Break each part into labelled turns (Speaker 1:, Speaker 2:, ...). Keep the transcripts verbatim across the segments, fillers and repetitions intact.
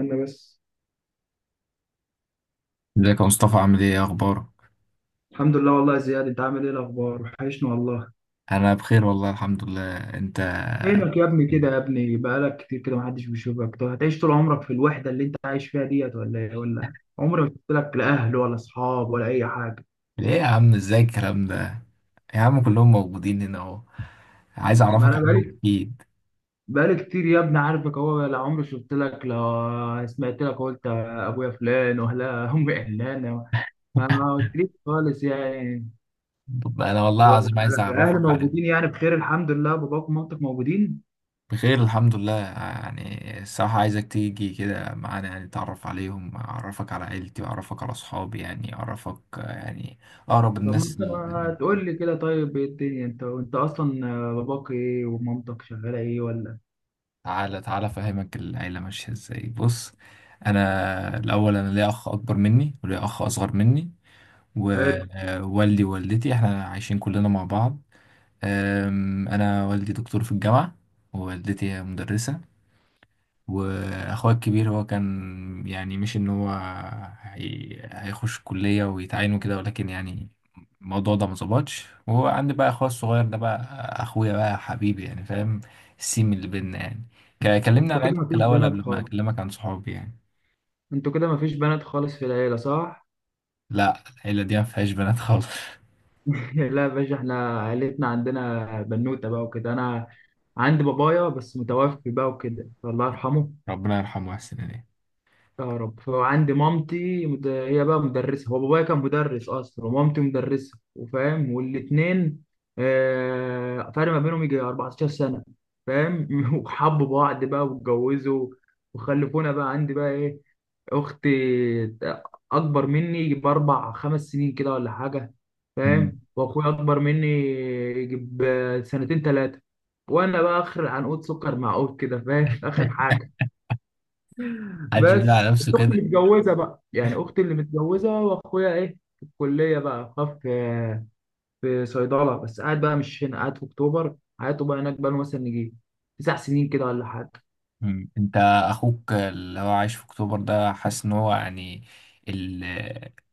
Speaker 1: انا بس.
Speaker 2: ازيك يا مصطفى؟ عامل ايه؟ ايه اخبارك؟
Speaker 1: الحمد لله، والله يا زياد، انت عامل ايه؟ الاخبار وحشني والله.
Speaker 2: انا بخير والله الحمد لله. انت؟
Speaker 1: فينك يا ابني كده يا ابني؟ بقالك كتير كده محدش بيشوفك. طب هتعيش طول عمرك في الوحده اللي انت عايش فيها ديت ولا ايه؟ ولا عمري ما شفت لك لا اهل ولا اصحاب ولا اي حاجه.
Speaker 2: ايه يا عم، ازاي الكلام ده؟ يا عم كلهم موجودين هنا اهو. عايز
Speaker 1: ما
Speaker 2: اعرفك
Speaker 1: انا
Speaker 2: عليهم
Speaker 1: بقالي
Speaker 2: اكيد.
Speaker 1: بقالي كتير يا ابني، عارفك اهو، لا عمري شفت لك لا سمعت لك قلت ابويا فلان ولا امي علانه. ما قلتليش خالص يعني.
Speaker 2: طب انا والله
Speaker 1: ولا-
Speaker 2: العظيم عايز
Speaker 1: الاهل
Speaker 2: اعرفك عليهم.
Speaker 1: موجودين يعني، بخير الحمد لله؟ باباك ومامتك موجودين؟
Speaker 2: بخير الحمد لله، يعني الصراحة عايزك تيجي كده معانا، يعني تعرف عليهم، اعرفك على عيلتي واعرفك على اصحابي، يعني اعرفك يعني اقرب
Speaker 1: طب ما
Speaker 2: الناس.
Speaker 1: انت ما تقول لي كده. طيب ايه الدنيا؟ انت انت اصلا آه، باباك ايه ومامتك شغاله ايه ولا؟
Speaker 2: تعالى تعالى افهمك العيله ماشيه ازاي، بص. انا الاول، انا ليا اخ اكبر مني وليا اخ اصغر مني.
Speaker 1: حلو.
Speaker 2: ووالدي ووالدتي احنا عايشين كلنا مع بعض. أم، انا والدي دكتور في الجامعه. ووالدتي هي مدرسه. واخويا الكبير هو كان يعني، مش ان هو هي... هيخش الكلية ويتعين وكده، ولكن يعني الموضوع ده مظبطش. وهو عندي بقى اخويا الصغير ده بقى. اخويا بقى حبيبي، يعني فاهم السيم اللي بينا يعني. ك- كلمني
Speaker 1: انتوا
Speaker 2: عن
Speaker 1: كده
Speaker 2: عيلتك
Speaker 1: مفيش
Speaker 2: الاول
Speaker 1: بنات
Speaker 2: قبل ما
Speaker 1: خالص
Speaker 2: اكلمك عن صحابي يعني.
Speaker 1: انتوا كده مفيش بنات خالص في العيله، صح؟
Speaker 2: لا العيلة دي ما فيهاش بنات خالص.
Speaker 1: لا يا باشا، احنا عيلتنا عندنا بنوته بقى وكده. انا عندي بابايا بس متوفي بقى وكده، فالله يرحمه.
Speaker 2: ربنا يرحمه ويحسن اليه.
Speaker 1: يا رب. فعندي مامتي مد- هي بقى مدرسة. هو بابايا كان مدرس أصلا ومامتي مدرسة، وفاهم، والاتنين آه، فرق ما بينهم يجي 14 سنة، فاهم. وحبوا بعض بقى واتجوزوا وخلفونا بقى. عندي بقى إيه، أختي، أكبر مني يجي بأربع خمس سنين كده ولا حاجة،
Speaker 2: مم.
Speaker 1: فاهم. وأخويا أكبر مني يجي بسنتين تلاتة. وأنا بقى آخر عنقود سكر معقود كده، فاهم. آخر حاجة. بس
Speaker 2: حد يقول على
Speaker 1: بس
Speaker 2: نفسه
Speaker 1: اختي
Speaker 2: كده!
Speaker 1: متجوزه بقى، يعني اختي اللي متجوزه، واخويا ايه في الكليه بقى، خاف في في صيدله، بس قاعد بقى مش هنا، قاعد في اكتوبر، حياته بقى هناك، بقى له مثلا نجي تسع سنين كده ولا حاجه.
Speaker 2: مم. انت اخوك اللي هو عايش في اكتوبر ده، حاسس ان هو يعني ال...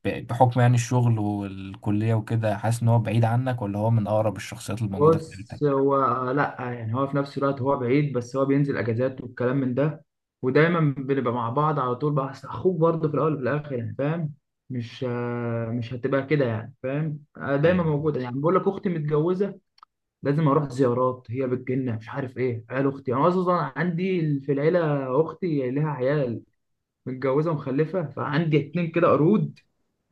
Speaker 2: ب- بحكم يعني الشغل والكلية وكده، حاسس ان هو بعيد عنك ولا هو من اقرب الشخصيات اللي موجودة في
Speaker 1: بص
Speaker 2: عيلتك؟
Speaker 1: هو، لا يعني هو في نفس الوقت هو بعيد، بس هو بينزل اجازات والكلام من ده، ودايما بنبقى مع بعض على طول بقى. أصل اخوك برضه في الاول وفي الاخر يعني، فاهم. مش آه، مش هتبقى كده يعني، فاهم. آه، دايما
Speaker 2: ايوه.
Speaker 1: موجوده يعني. بقول لك اختي متجوزه، لازم اروح زيارات، هي بتجيلنا مش عارف ايه، عيال اختي، انا اصلا عندي في العيله اختي لها عيال، متجوزه ومخلفه، فعندي اتنين كده قرود.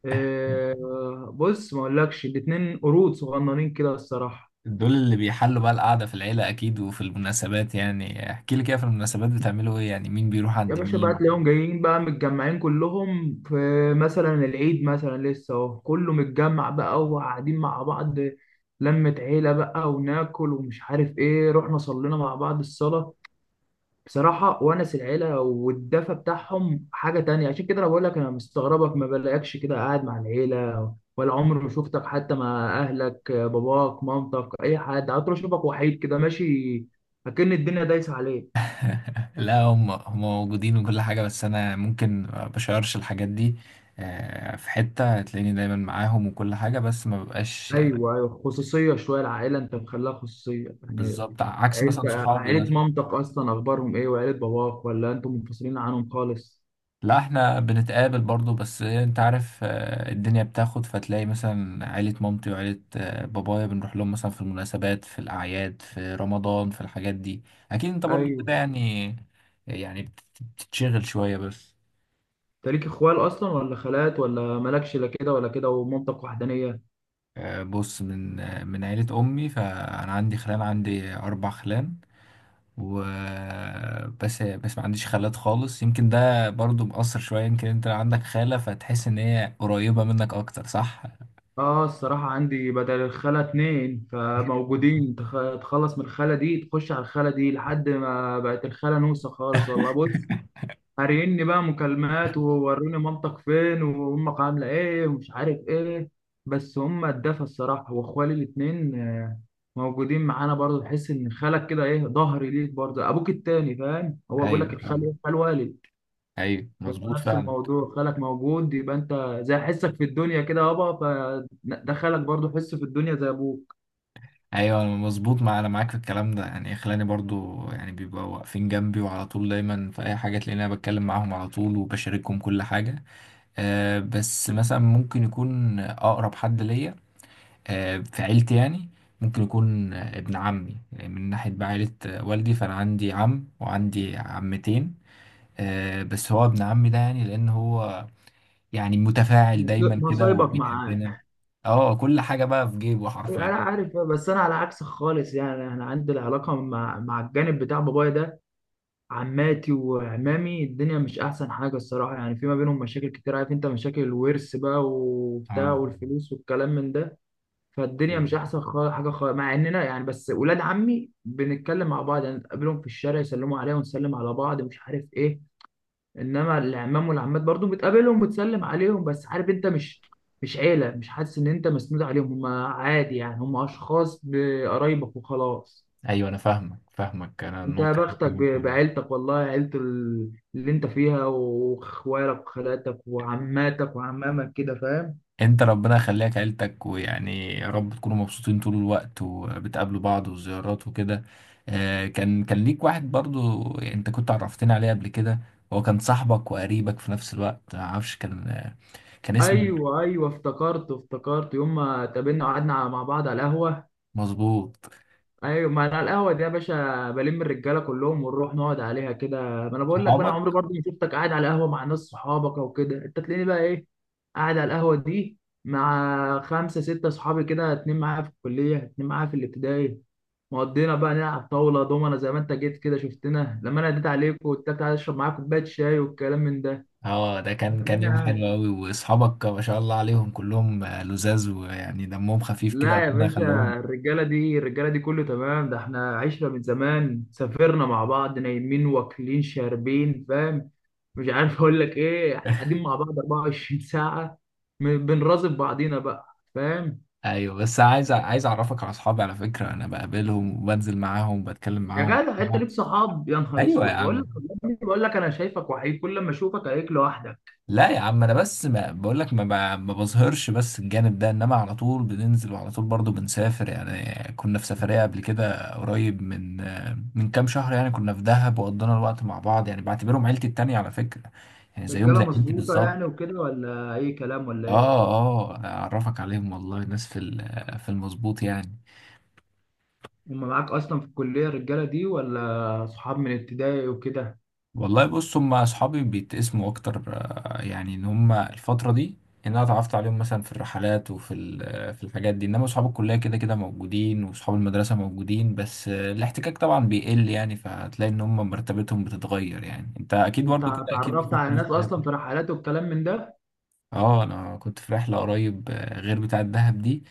Speaker 1: آه، بص ما اقولكش، الاتنين قرود صغننين كده الصراحه.
Speaker 2: دول اللي بيحلوا بقى القعدة في العيلة اكيد، وفي المناسبات يعني احكي لي كده، في المناسبات بتعملوا ايه يعني؟ مين بيروح
Speaker 1: يا
Speaker 2: عند
Speaker 1: باشا بقى
Speaker 2: مين؟
Speaker 1: تلاقيهم جايين بقى متجمعين كلهم في مثلا العيد، مثلا لسه اهو كله متجمع بقى وقاعدين مع بعض، لمة عيلة بقى، وناكل ومش عارف ايه، رحنا صلينا مع بعض الصلاة بصراحة. ونس العيلة والدفى بتاعهم حاجة تانية. عشان كده أنا بقول لك، أنا مستغربك ما بلاقيكش كده قاعد مع العيلة، ولا عمري ما شفتك حتى مع أهلك، باباك مامتك أي حد. عطر أشوفك وحيد كده ماشي، أكن الدنيا دايسة عليك.
Speaker 2: لا هم هم موجودين وكل حاجة، بس أنا ممكن ما بشيرش الحاجات دي. آه، في حتة تلاقيني دايما معاهم وكل حاجة، بس ما ببقاش يعني.
Speaker 1: أيوه أيوه، خصوصية شوية العائلة، أنت مخليها خصوصية يعني.
Speaker 2: بالظبط عكس مثلا
Speaker 1: عيلة
Speaker 2: صحابي
Speaker 1: عيلة
Speaker 2: مثلا.
Speaker 1: مامتك أصلا أخبارهم إيه؟ وعيلة باباك؟ ولا أنتم منفصلين عنهم خالص؟
Speaker 2: لا احنا بنتقابل برضو، بس انت عارف آه، الدنيا بتاخد، فتلاقي مثلا عيلة مامتي وعيلة آه، بابايا بنروح لهم مثلا في المناسبات، في الأعياد، في رمضان، في الحاجات دي. أكيد انت برضو
Speaker 1: أيوه.
Speaker 2: كده يعني. يعني بت- بتتشغل شوية بس.
Speaker 1: أنت ليك إخوال أصلا، ولا خالات، ولا مالكش لا كده ولا كده، ومامتك وحدانية؟
Speaker 2: آه، بص من آه، من عيلة أمي، فأنا عندي خلان، عندي أربع خلان و بس بس ما عنديش خالات خالص. يمكن ده برضو مأثر شوية. يمكن انت لو عندك خالة فتحس ان هي قريبة منك اكتر، صح؟
Speaker 1: اه الصراحة عندي بدل الخالة اتنين فموجودين، تخ- تخلص من الخالة دي تخش على الخالة دي، لحد ما بقت الخالة نوسة خالص والله. بص قاريني بقى مكالمات، ووروني مامتك فين وامك عاملة ايه ومش عارف ايه. بس هما اتدفى الصراحة. واخوالي الاتنين آه، موجودين معانا برضه، تحس ان خالك كده ايه، ظهري ليك برضه، ابوك التاني فاهم. هو بيقول لك
Speaker 2: ايوه
Speaker 1: الخال
Speaker 2: فاهم.
Speaker 1: ايه، خال والد.
Speaker 2: ايوه
Speaker 1: هو
Speaker 2: مظبوط
Speaker 1: نفس
Speaker 2: فعلا.
Speaker 1: الموضوع، خالك موجود يبقى انت زي حسك في الدنيا كده يابا، فدخلك برضه حس في الدنيا زي ابوك.
Speaker 2: ايوه انا مظبوط، مع انا معاك في الكلام ده يعني. خلاني برضو يعني بيبقوا واقفين جنبي وعلى طول دايما، في اي حاجه تلاقيني انا بتكلم معاهم على طول وبشاركهم كل حاجه. أه بس مثلا ممكن يكون اقرب حد ليا آه، في عيلتي يعني، ممكن يكون آه، ابن عمي. يعني من ناحية بقى عيلة آه، والدي، فأنا عندي عم وعندي عمتين. آه، بس هو ابن عمي ده يعني لأن هو يعني متفاعل
Speaker 1: مص-
Speaker 2: دايما كده
Speaker 1: مصايبك معاه.
Speaker 2: وبيحبنا. اه كل حاجة بقى في جيبه
Speaker 1: انا
Speaker 2: حرفيا.
Speaker 1: عارف، بس انا على عكسك خالص يعني. انا عندي العلاقه مع مع الجانب بتاع بابايا ده، عماتي وعمامي، الدنيا مش احسن حاجه الصراحه، يعني في ما بينهم مشاكل كتير، عارف انت، مشاكل الورث بقى وبتاع
Speaker 2: اه.
Speaker 1: والفلوس والكلام من ده. فالدنيا مش
Speaker 2: ايوه.
Speaker 1: احسن خالص حاجه خالص، مع اننا يعني بس ولاد عمي بنتكلم مع بعض يعني، نتقابلهم في الشارع يسلموا عليا ونسلم على بعض مش عارف ايه. انما العمام والعمات برضو بتقابلهم وبتسلم عليهم، بس عارف انت مش، مش عيله، مش حاسس ان انت مسنود عليهم، هم عادي يعني، هم اشخاص بقرايبك وخلاص.
Speaker 2: أيوة أنا فاهمك فاهمك، أنا
Speaker 1: انت يا
Speaker 2: النقطة دي.
Speaker 1: بختك
Speaker 2: تمام،
Speaker 1: ب-
Speaker 2: كويس.
Speaker 1: بعيلتك والله، عيله ال- اللي انت فيها، واخوالك وخالاتك وعماتك وعمامك كده، فاهم.
Speaker 2: انت ربنا يخليك عيلتك، ويعني يا رب تكونوا مبسوطين طول الوقت وبتقابلوا بعض وزيارات وكده. آه، كان كان ليك واحد برضو، انت كنت عرفتني عليه قبل كده. هو كان صاحبك وقريبك في نفس الوقت. معرفش كان آه، كان اسمه...
Speaker 1: ايوه ايوه، افتكرت افتكرت يوم ما اتقابلنا وقعدنا مع بعض على القهوه.
Speaker 2: مظبوط.
Speaker 1: ايوه، ما انا القهوه دي يا باشا بلم الرجاله كلهم ونروح نقعد عليها كده. ما انا بقول لك بقى، انا
Speaker 2: صحابك.
Speaker 1: عمري برضه ما شفتك قاعد على قهوه مع ناس صحابك او كده. انت تلاقيني بقى ايه قاعد على القهوه دي مع خمسه سته صحابي كده، اتنين معايا في الكليه، اتنين معايا في الابتدائي، مقضينا بقى نلعب طاوله دومنا زي ما انت جيت كده شفتنا، لما انا اديت عليك وقلت لك تعالى اشرب معاك كوبايه شاي والكلام من
Speaker 2: اه ده كان كان يوم
Speaker 1: ده.
Speaker 2: حلو قوي، واصحابك ما شاء الله عليهم كلهم آه، لذاذ، ويعني دمهم خفيف كده،
Speaker 1: لا يا
Speaker 2: ربنا
Speaker 1: باشا،
Speaker 2: يخليهم.
Speaker 1: الرجالة دي الرجالة دي كله تمام. ده احنا عشرة من زمان سافرنا مع بعض، نايمين واكلين شاربين، فاهم. مش عارف اقول لك ايه، احنا قاعدين مع بعض اربع وعشرون ساعة ساعة، م- بنراقب بعضينا بقى، فاهم.
Speaker 2: ايوه بس عايز عايز اعرفك على اصحابي على فكرة، انا بقابلهم وبنزل معاهم وبتكلم
Speaker 1: يا
Speaker 2: معاهم.
Speaker 1: جدع انت ليك صحاب؟ يا نهار
Speaker 2: ايوه يا
Speaker 1: اسود، بقول
Speaker 2: عم.
Speaker 1: لك والله، بقول لك انا شايفك وحيد كل ما اشوفك عليك لوحدك.
Speaker 2: لا يا عم انا بس، ما بقول لك ما, ما ما بظهرش بس الجانب ده، انما على طول بننزل وعلى طول برضو بنسافر، يعني كنا في سفرية قبل كده قريب من من كام شهر. يعني كنا في دهب وقضينا الوقت مع بعض، يعني بعتبرهم عيلتي التانية على فكرة، يعني زيهم
Speaker 1: رجالة
Speaker 2: زي عيلتي
Speaker 1: مظبوطة
Speaker 2: بالظبط.
Speaker 1: يعني وكده، ولا اي كلام ولا ايه؟
Speaker 2: اه. اه اعرفك عليهم والله، ناس في ال- في المظبوط يعني.
Speaker 1: هم معاك اصلا في الكلية الرجالة دي، ولا صحاب من ابتدائي وكده؟
Speaker 2: والله بص هم اصحابي بيتقسموا اكتر آه، يعني ان هم الفتره دي ان انا اتعرفت عليهم مثلا في الرحلات وفي ال- آه، في الحاجات دي، انما اصحاب الكليه كده كده موجودين واصحاب المدرسه موجودين، بس آه، الاحتكاك طبعا بيقل، يعني فهتلاقي ان هم مرتبتهم بتتغير يعني، انت اكيد
Speaker 1: انت
Speaker 2: برضو كده، اكيد
Speaker 1: اتعرفت
Speaker 2: بيكون
Speaker 1: على
Speaker 2: في ناس
Speaker 1: ناس
Speaker 2: صحابك.
Speaker 1: اصلا في رحلات والكلام من ده؟
Speaker 2: اه انا كنت في رحله قريب آه، غير بتاعه دهب دي.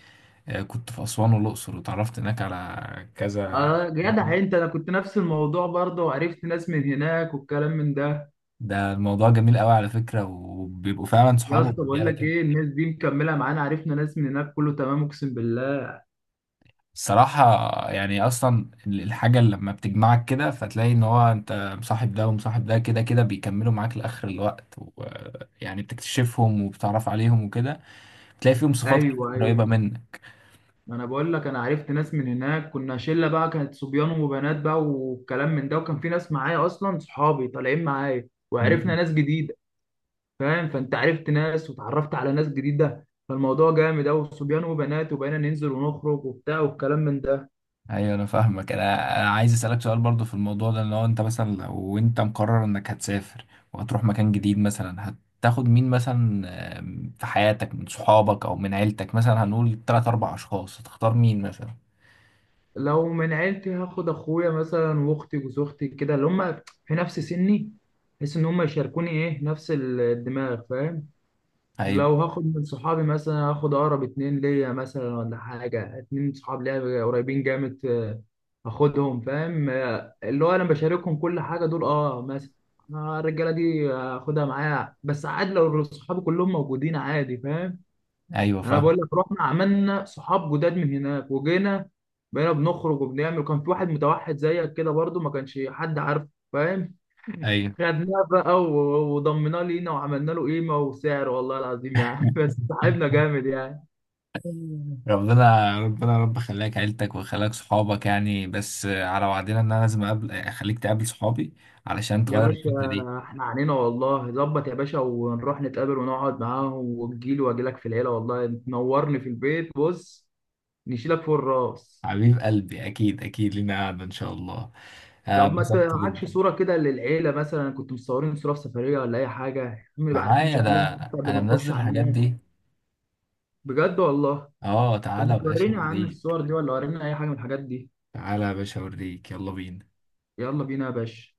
Speaker 2: آه، كنت في اسوان والاقصر وتعرفت هناك على كذا.
Speaker 1: اه جدع انت، انا كنت نفس الموضوع برضه، وعرفت ناس من هناك والكلام من ده.
Speaker 2: ده الموضوع جميل قوي على فكره، وبيبقوا فعلا
Speaker 1: يا
Speaker 2: صحابه
Speaker 1: اسطى بقول
Speaker 2: رجاله
Speaker 1: لك
Speaker 2: كده.
Speaker 1: ايه، الناس دي مكمله معانا، عرفنا ناس من هناك كله تمام، اقسم بالله.
Speaker 2: الصراحة. يعني أصلا الحاجة اللي لما بتجمعك كده فتلاقي إن هو أنت مصاحب ده ومصاحب ده، كده كده بيكملوا معاك لآخر الوقت، ويعني بتكتشفهم وبتعرف عليهم وكده، بتلاقي فيهم صفات
Speaker 1: ايوه ايوه،
Speaker 2: قريبة منك.
Speaker 1: ما انا بقول لك، انا عرفت ناس من هناك، كنا شله بقى، كانت صبيان وبنات بقى والكلام من ده، وكان في ناس معايا اصلا صحابي طالعين معايا، وعرفنا
Speaker 2: مم.
Speaker 1: ناس جديده، فاهم. فانت عرفت ناس، وتعرفت على ناس جديده، فالموضوع جامد اوي، صبيان وبنات، وبقينا ننزل ونخرج وبتاع والكلام من ده.
Speaker 2: أيوة أنا فاهمك. أنا أنا عايز أسألك سؤال برضو في الموضوع ده، إن هو أنت مثلا لو أنت مقرر إنك هتسافر وهتروح مكان جديد مثلا، هتاخد مين مثلا آم، في حياتك؟ من صحابك أو من عيلتك مثلا، هنقول تلات أربع أشخاص، هتختار مين مثلا؟
Speaker 1: لو من عيلتي هاخد اخويا مثلا واختي وزوجتي كده، اللي هم في نفس سني، بحيث ان هم يشاركوني ايه نفس الدماغ، فاهم.
Speaker 2: أيوة.
Speaker 1: لو هاخد من صحابي مثلا، هاخد اقرب اتنين ليا مثلا ولا حاجه، اتنين صحاب ليا قريبين جامد، آه، هاخدهم فاهم. آه، اللي هو انا بشاركهم كل حاجه دول، اه مثلا. آه، الرجاله دي هاخدها معايا، بس عادي لو صحابي كلهم موجودين عادي، فاهم.
Speaker 2: أيوة
Speaker 1: انا
Speaker 2: فاهم.
Speaker 1: بقول لك رحنا عملنا صحاب جداد من هناك وجينا، بقينا بنخرج وبنعمل. كان في واحد متوحد زيك كده برضو، ما كانش حد عارف، فاهم.
Speaker 2: أيوة.
Speaker 1: خدناه بقى و- وضمناه لينا وعملنا له قيمه وسعر والله العظيم يعني، بس صاحبنا جامد يعني.
Speaker 2: ربنا ربنا رب خلاك عيلتك وخلاك صحابك يعني. بس على وعدنا، ان انا لازم اقابل، اخليك تقابل صحابي علشان
Speaker 1: يا
Speaker 2: تغير
Speaker 1: باشا،
Speaker 2: الفكرة دي.
Speaker 1: احنا عنينا والله ظبط يا باشا، ونروح نتقابل ونقعد معاهم. وتجيلي واجي لك في العيله والله، تنورني في البيت، بص نشيلك فوق الراس.
Speaker 2: حبيب قلبي اكيد اكيد لينا قعدة ان شاء الله.
Speaker 1: طب
Speaker 2: آه،
Speaker 1: ما
Speaker 2: اتبسطت
Speaker 1: تعادش
Speaker 2: جدا.
Speaker 1: صورة كده للعيلة مثلا؟ كنت مصورين صورة في سفرية ولا أي حاجة، هم يبقى عارفين
Speaker 2: معايا ده،
Speaker 1: شكلهم قبل
Speaker 2: انا
Speaker 1: ما نخش
Speaker 2: منزل
Speaker 1: على
Speaker 2: الحاجات
Speaker 1: الناس.
Speaker 2: دي.
Speaker 1: بجد والله.
Speaker 2: اه
Speaker 1: طب
Speaker 2: تعالى
Speaker 1: ما
Speaker 2: يا باشا
Speaker 1: تورينا يا عم
Speaker 2: اوريك.
Speaker 1: الصور دي، ولا ورينا أي حاجة من الحاجات دي؟
Speaker 2: تعالى يا باشا اوريك، يلا بينا.
Speaker 1: يلا بينا يا باشا.